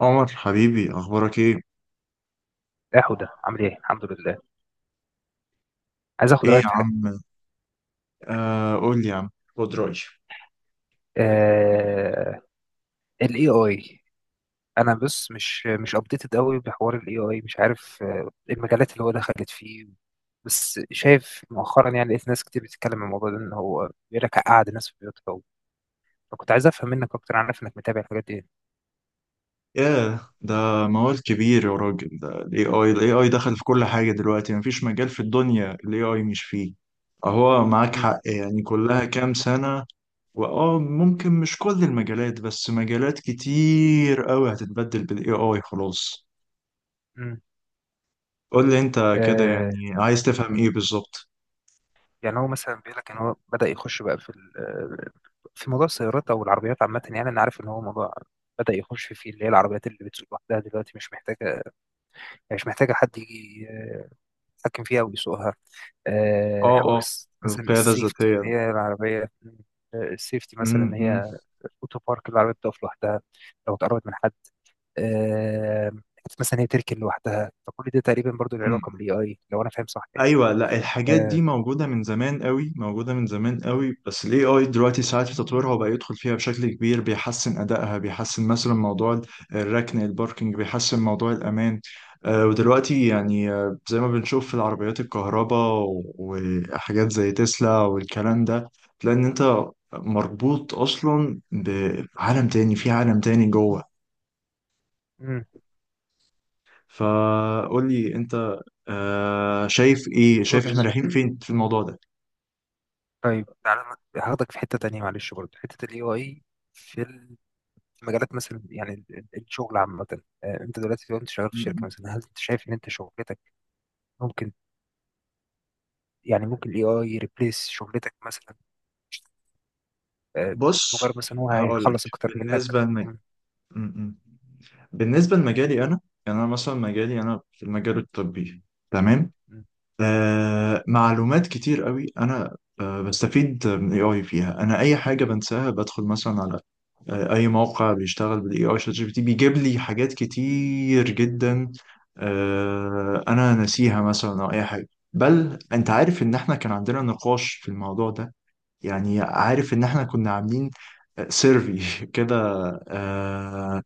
عمر حبيبي، اخبارك ايه؟ يا حودة عامل ايه؟ الحمد لله. عايز اخد ايه يا رأيك في حاجة. عم؟ آه، قول لي يا عم، خد رأيي. آه... ال AI. انا بس مش ابديتد قوي بحوار ال AI. مش عارف، المجالات اللي هو دخلت فيه. بس شايف مؤخرا، يعني لقيت ناس كتير بتتكلم عن الموضوع ده، ان هو بيقول لك قعد الناس في بيوتها. فكنت عايز افهم منك اكتر، انا عارف انك متابع الحاجات دي. ياه، ده موال كبير يا راجل. ده الاي اي، دخل في كل حاجه دلوقتي. مفيش مجال في الدنيا الاي اي مش فيه. اهو معاك امم، حق، يعني كلها كام سنه. واه، ممكن مش كل المجالات، بس مجالات كتير قوي هتتبدل بالاي اي خلاص. امم. قول لي انت كده، آه... يعني عايز تفهم ايه بالظبط؟ يعني هو مثلا بيقول لك ان هو بدأ يخش بقى في ال... آه، في موضوع السيارات او العربيات عامة. يعني انا عارف ان هو موضوع بدأ يخش فيه، اللي هي العربيات اللي بتسوق لوحدها دلوقتي، مش محتاجة حد يجي يتحكم فيها ويسوقها. اه حوار اه، مثلا القياده السيفتي، إن الذاتيه. هي العربية. السيفتي مثلا، إن إمم، هي أوتو بارك، العربية بتقف لوحدها لو اتقربت من حد. آه، حتى مثلا هي تركن لوحدها، فكل ده تقريبا برضو له علاقة إمم. بالاي اي، لو انا فاهم صح يعني. ايوه، لا الحاجات دي آه، موجوده من زمان قوي، موجوده من زمان قوي، بس الاي اي دلوقتي ساعات في تطويرها وبقى يدخل فيها بشكل كبير. بيحسن ادائها، بيحسن مثلا موضوع الركن، الباركينج، بيحسن موضوع الامان. آه، ودلوقتي يعني زي ما بنشوف في العربيات الكهرباء، وحاجات زي تسلا والكلام ده. لان انت مربوط اصلا بعالم تاني، في عالم تاني جوه. مم، فقول لي انت، آه، شايف ايه؟ شايف احنا بص. رايحين فين في الموضوع طيب، تعالى هاخدك في حتة تانية، معلش، برضو حتة الاي اي في المجالات مثلا، يعني الشغل عامة. انت دلوقتي لو انت شغال في ده؟ شركة مثلا، هل انت شايف ان انت شغلتك ممكن، يعني ممكن الاي اي يريبليس شغلتك مثلا؟ آه، بص، مجرد مثلا هو هقول لك. هيخلص اكتر منك. بالنسبه لمج... أم، م- م. بالنسبه لمجالي انا، يعني انا مثلا مجالي انا في المجال الطبي، تمام. أم، أم، آه، معلومات كتير قوي انا آه بستفيد من الاي اي فيها. انا اي حاجه بنساها بدخل مثلا على، آه، اي موقع بيشتغل بالاي اي، شات جي بي تي، بيجيب لي حاجات كتير جدا آه انا ناسيها مثلا، او اي حاجه. بل انت أم، عارف ان احنا كان عندنا نقاش في الموضوع ده، يعني عارف ان احنا كنا عاملين سيرفي كده، آه،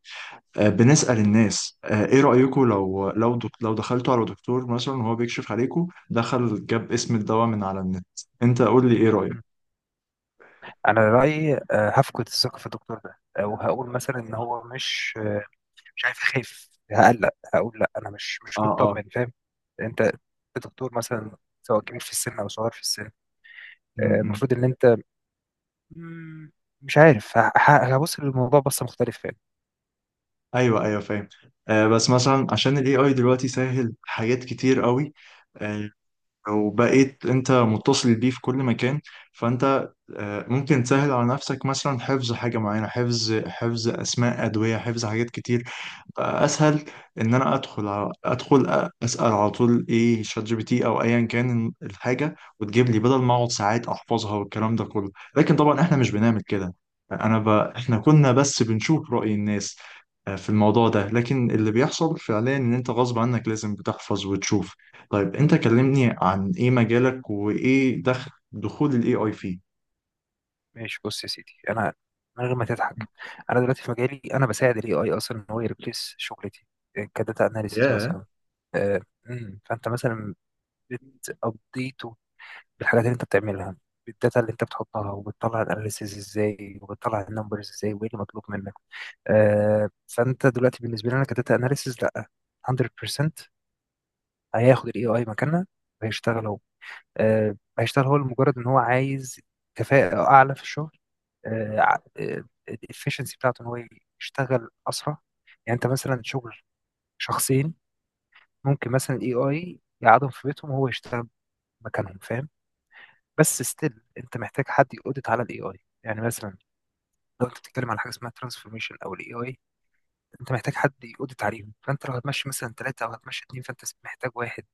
بنسأل الناس، ايه رأيكم لو لو دخلتوا على دكتور مثلا وهو بيكشف عليكم دخل جاب اسم الدواء من على النت؟ انت قول لي ايه رأيك. أم. انا رأيي هفقد الثقة في الدكتور ده. وهقول مثلا ان هو مش، مش عارف، اخاف، هقلق، هقول لا انا مش اه اه. مطمن، فاهم. انت دكتور مثلا، سواء كبير في السن او صغير في السن. م -م. المفروض ان انت، مم، مش عارف، هبص للموضوع بصة مختلفة. ايوه ايوه، فاهم. آه بس مثلا عشان الاي اي دلوقتي سهل حاجات كتير قوي، آه، وبقيت انت متصل بيه في كل مكان. فانت، آه، ممكن تسهل على نفسك مثلا حفظ حاجة معينة، حفظ، اسماء ادوية، حفظ حاجات كتير. اسهل ان انا ادخل على، اسال على طول ايه، شات جي بي تي او ايا كان، الحاجه وتجيب لي بدل ما اقعد ساعات احفظها والكلام ده كله. لكن طبعا احنا مش بنعمل كده. احنا كنا بس بنشوف راي الناس، آه، في الموضوع ده، لكن اللي بيحصل فعليا ان انت غصب عنك لازم بتحفظ وتشوف. طيب انت كلمني عن ايه مجالك، وايه دخل، دخول الاي اي فيه. ماشي، بص يا سيدي، انا من غير ما تضحك، انا دلوقتي في مجالي، انا بساعد الاي اي اصلا ان هو يريبليس شغلتي كداتا اناليسيز ياه. مثلا. آه، فانت مثلا بتابديته بالحاجات اللي انت بتعملها، بالداتا اللي انت بتحطها، وبتطلع الاناليسيز ازاي، وبتطلع النمبرز ازاي، وايه اللي مطلوب منك. فانت دلوقتي بالنسبه لنا كداتا اناليسيز، لا، 100% هياخد الاي اي مكاننا وهيشتغل هو. هيشتغل هو لمجرد ان هو عايز كفاءة اعلى في الشغل، الافشنسي بتاعته ان هو يشتغل اسرع. يعني انت مثلا شغل شخصين، ممكن مثلا الاي اي يقعدهم في بيتهم وهو يشتغل مكانهم، فاهم. بس ستيل انت محتاج حد يقودت على الاي اي، يعني مثلا لو انت بتتكلم على حاجه اسمها ترانسفورميشن او الاي اي، انت محتاج حد يقودت عليهم، فانت لو هتمشي مثلا ثلاثه او هتمشي اثنين، فانت محتاج واحد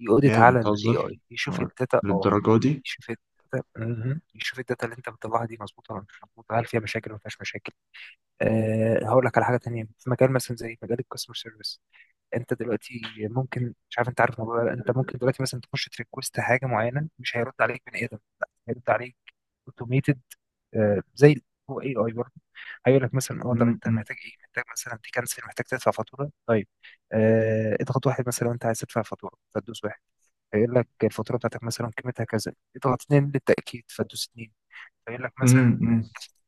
يقودت على الاي بتهزر، اي يشوف آه، الداتا. اه، للدرجه دي؟ يشوف الداتا مهم. يشوف إيه الداتا اللي انت مطلعها دي، مظبوطه ولا مش مظبوطه، هل فيها مشاكل ولا ما فيهاش مشاكل. أه، هقول لك على حاجه تانية في مجال مثلا زي مجال الكاستمر سيرفيس. انت دلوقتي ممكن، مش عارف انت عارف الموضوع ده ولا لأ، انت ممكن دلوقتي مثلا تخش تريكوست حاجه معينه، مش هيرد عليك بني ادم، لا، هيرد عليك اوتوميتد. أه زي، هو اي اي برضه. هيقول لك مثلا اه طب انت محتاج ايه، محتاج مثلا تكنسل، محتاج تدفع فاتوره. طيب، آه اضغط واحد مثلا لو انت عايز تدفع فاتوره، فتدوس واحد. فيقول لك الفاتوره بتاعتك مثلا قيمتها كذا، اضغط اتنين للتاكيد، فتدوس اتنين. فيقول لك مثلا امم.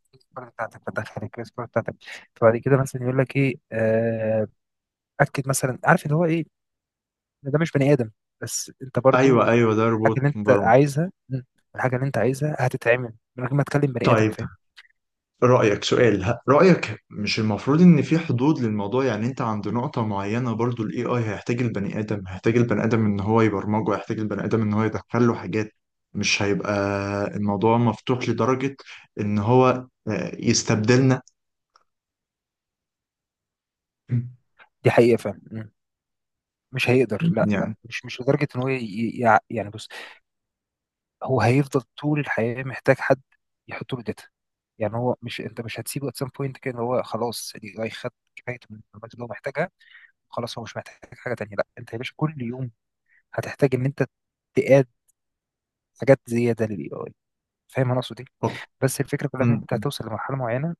الكريدت كارد بتاعتك، فتدخل الكريدت كارد بتاعتك. فبعد كده مثلا يقول لك ايه، اكد مثلا، عارف ان هو ايه، إن ده مش بني ادم. بس انت برضو ايوه ايوه، ده الحاجه روبوت اللي انت مبرمج. عايزها، الحاجه اللي انت عايزها هتتعمل من غير ما تكلم بني ادم، طيب فاهم. رأيك، رأيك، مش المفروض ان في حدود للموضوع؟ يعني انت عند نقطة معينة برضو الاي اي هيحتاج البني ادم، هيحتاج البني ادم ان هو يبرمجه، هيحتاج البني ادم ان هو يدخل له حاجات. مش هيبقى الموضوع مفتوح لدرجة ان هو، آه، يستبدلنا. دي حقيقه، فاهم. مش هيقدر، لا لا، يعني. مش لدرجه ان هو يعني بص، هو هيفضل طول الحياة محتاج حد يحط له داتا. يعني هو مش، انت مش هتسيبه at some point كده إن هو خلاص الاي اي خد كفايته من المعلومات اللي هو محتاجها، خلاص هو مش محتاج حاجة تانية. لا، انت يا باشا كل يوم هتحتاج ان انت تقاد حاجات زيادة للاي اي، فاهم انا اقصد ايه. طب- بس الفكرة كلها ان م- انت م. هتوصل لمرحلة معينة،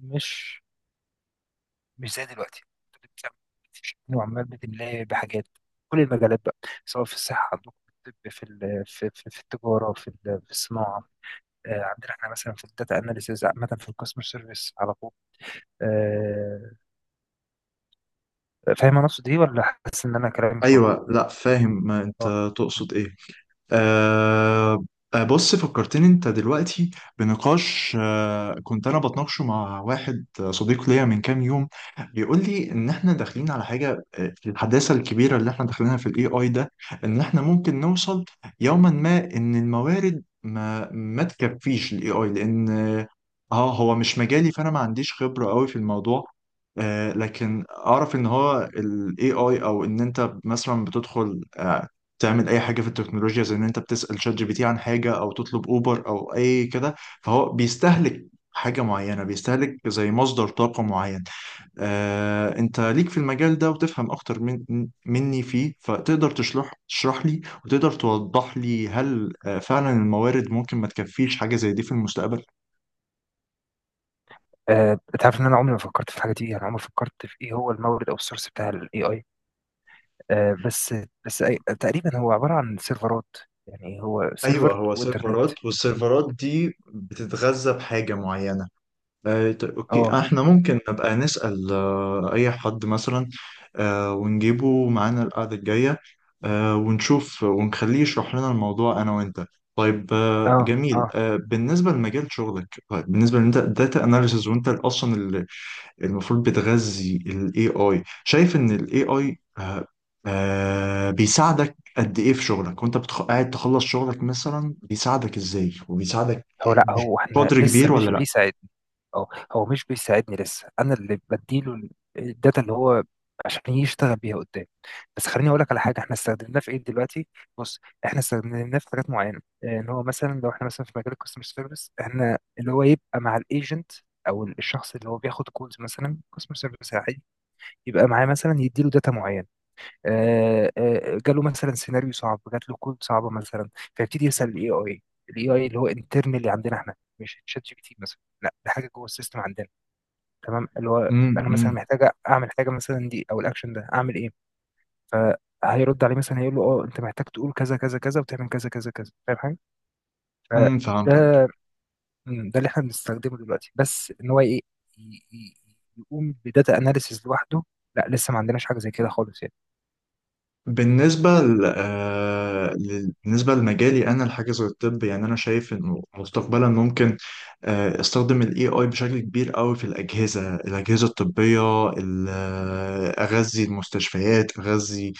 مش مش زي دلوقتي، انت بتعمل، بتشتري وعمال بتملاه بحاجات، كل المجالات بقى، سواء في الصحة عندكم، في الطب، في في التجارة، في في الصناعة. عندنا احنا مثلا في الداتا اناليسيز عامه، في الكاستمر سيرفيس على طول. آه، فاهم انا اقصد ايه، ولا حاسس ان انا كلامي مش واضح. ايوه، لا فاهم ما اه. انت م- تقصد ايه. م. أه. آه، بص فكرتني انت دلوقتي بنقاش أه كنت انا بتناقشه مع واحد صديق ليا من كام يوم. بيقول لي ان احنا داخلين على حاجه، آه، الحداثه الكبيره اللي احنا داخلينها في الاي اي ده، ان احنا ممكن نوصل يوما ما ان الموارد ما تكفيش الاي اي، لان اه، آه، هو مش مجالي، فانا ما عنديش خبره قوي في الموضوع. آه، لكن اعرف ان هو الاي اي، او ان انت مثلا بتدخل آه، تعمل اي حاجه في التكنولوجيا، زي ان انت بتسال شات جي بي تي عن حاجه او تطلب اوبر او اي كده، فهو بيستهلك حاجه معينه، بيستهلك زي مصدر طاقه معين. آه، انت ليك في المجال ده وتفهم اكتر من مني فيه، فتقدر تشرح، لي، وتقدر توضح لي هل آه، فعلا الموارد ممكن ما تكفيش حاجه زي دي في المستقبل. انت عارف ان انا عمري ما فكرت في الحاجه دي، يعني عمري ما فكرت في ايه هو المورد او السورس بتاع الاي اي. بس بس تقريبا هو عباره عن سيرفرات، يعني هو ايوه، سيرفر هو وانترنت. سيرفرات، والسيرفرات دي بتتغذى بحاجه معينه. آه، طيب، اوكي، اه، آه، احنا ممكن نبقى نسأل آه، اي حد مثلا، آه، ونجيبه معانا القعدة الجاية، آه، ونشوف ونخليه يشرح لنا الموضوع انا وانت. طيب، آه، اه، جميل. اه. آه، بالنسبة لمجال شغلك، طيب بالنسبة لان انت داتا اناليسز، وانت اصلا المفروض بتغذي الاي اي، شايف ان الاي اي بيساعدك قد ايه في شغلك، وانت قاعد تخلص شغلك مثلا، بيساعدك ازاي، وبيساعدك هو، لا، هو احنا بقدر لسه كبير مش ولا بيساعدني. اه، هو مش بيساعدني لسه، انا اللي بديله الداتا اللي هو عشان يشتغل بيها قدام. بس خليني اقول لك على حاجه احنا استخدمناه في ايه دلوقتي. بص، احنا استخدمناه في حاجات معينه. ان هو مثلا لو احنا مثلا في مجال الكاستمر سيرفيس، احنا اللي هو يبقى مع الايجنت او الشخص اللي هو بياخد كولز مثلا كاستمر سيرفيس عادي، يبقى معاه مثلا، يديله داتا معينه. جاله مثلا سيناريو صعب، جات له كود صعبه مثلا، فيبتدي يسال الاي اي. الاي اي اللي هو انترنالي عندنا احنا، مش شات جي بي تي مثلا، لا ده حاجه جوه السيستم عندنا. تمام، اللي هو انا لا؟ مثلا محتاجه اعمل حاجه مثلا دي، او الاكشن ده اعمل ايه، فهيرد عليه مثلا، هيقول له اه انت محتاج تقول كذا كذا كذا وتعمل كذا كذا كذا، فاهم حاجه. امم، فهمتك. فده، ده اللي احنا بنستخدمه دلوقتي. بس ان هو ايه، ي- ي- يقوم بداتا اناليسيز لوحده، لا، لسه ما عندناش حاجه زي كده خالص يعني. بالنسبة ل... آه، لل- بالنسبة لمجالي أنا، الحاجة زي الطب، يعني أنا شايف إنه مستقبلا ممكن آه، استخدم ال AI بشكل كبير قوي في الأجهزة، الطبية. أغذي المستشفيات، أغذي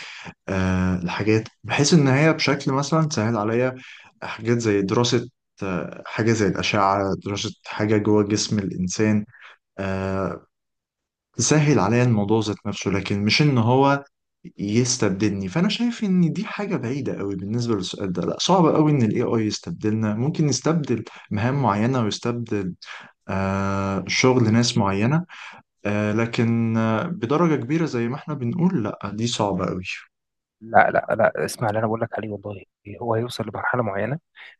آه، الحاجات، بحيث إن هي بشكل مثلا تسهل عليا حاجات زي دراسة آه، حاجة زي الأشعة، دراسة حاجة جوه جسم الإنسان، آه، تسهل عليا الموضوع ذات نفسه، لكن مش ان هو يستبدلني. فانا شايف ان دي حاجه بعيده قوي. بالنسبه للسؤال ده، لا، صعب قوي ان الاي اي يستبدلنا. ممكن يستبدل مهام معينه، ويستبدل آه شغل ناس معينه، آه، لكن آه بدرجه كبيره زي ما احنا بنقول، لا دي صعبه قوي. لا، لا، لا، اسمع اللي انا بقول لك عليه والله، هو هيوصل لمرحله معينه،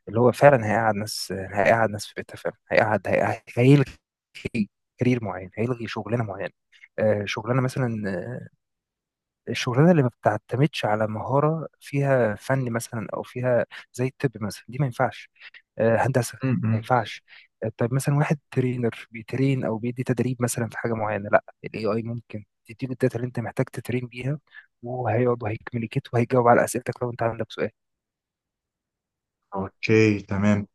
اللي هو فعلا هيقعد ناس في بيتها فعلا، هيقعد هيلغي كارير معين، هيلغي شغلانه معينه. شغلانه مثلا، الشغلانه اللي ما بتعتمدش على مهاره، فيها فن مثلا او فيها زي الطب مثلا، دي ما ينفعش. هندسه ما م-م. ينفعش. طيب مثلا واحد ترينر بيترين او بيدي تدريب مثلا في حاجه معينه، لا، الاي اي ممكن تديله الداتا اللي انت محتاج تترين بيها، وهيقعد وهيكمليكيت وهيجاوب على اسئلتك لو انت عندك سؤال. اوكي، تمام،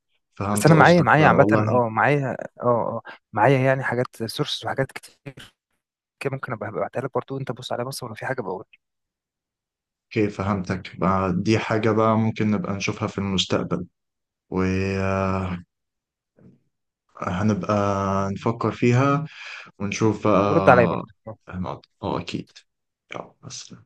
بس فهمت انا، معايا قصدك بقى معايا عامه والله. اه معايا اه اه معايا يعني حاجات سورس وحاجات كتير كده، ممكن ابقى ابعتها لك برضه، انت بص عليها، بص ولو في حاجه بقول، اوكي، فهمتك بقى. دي حاجة بقى ممكن نبقى نشوفها في المستقبل، وهنبقى نفكر فيها ونشوف ورد عليا بقى. برضه. هنقعد اه، اكيد. يلا بس.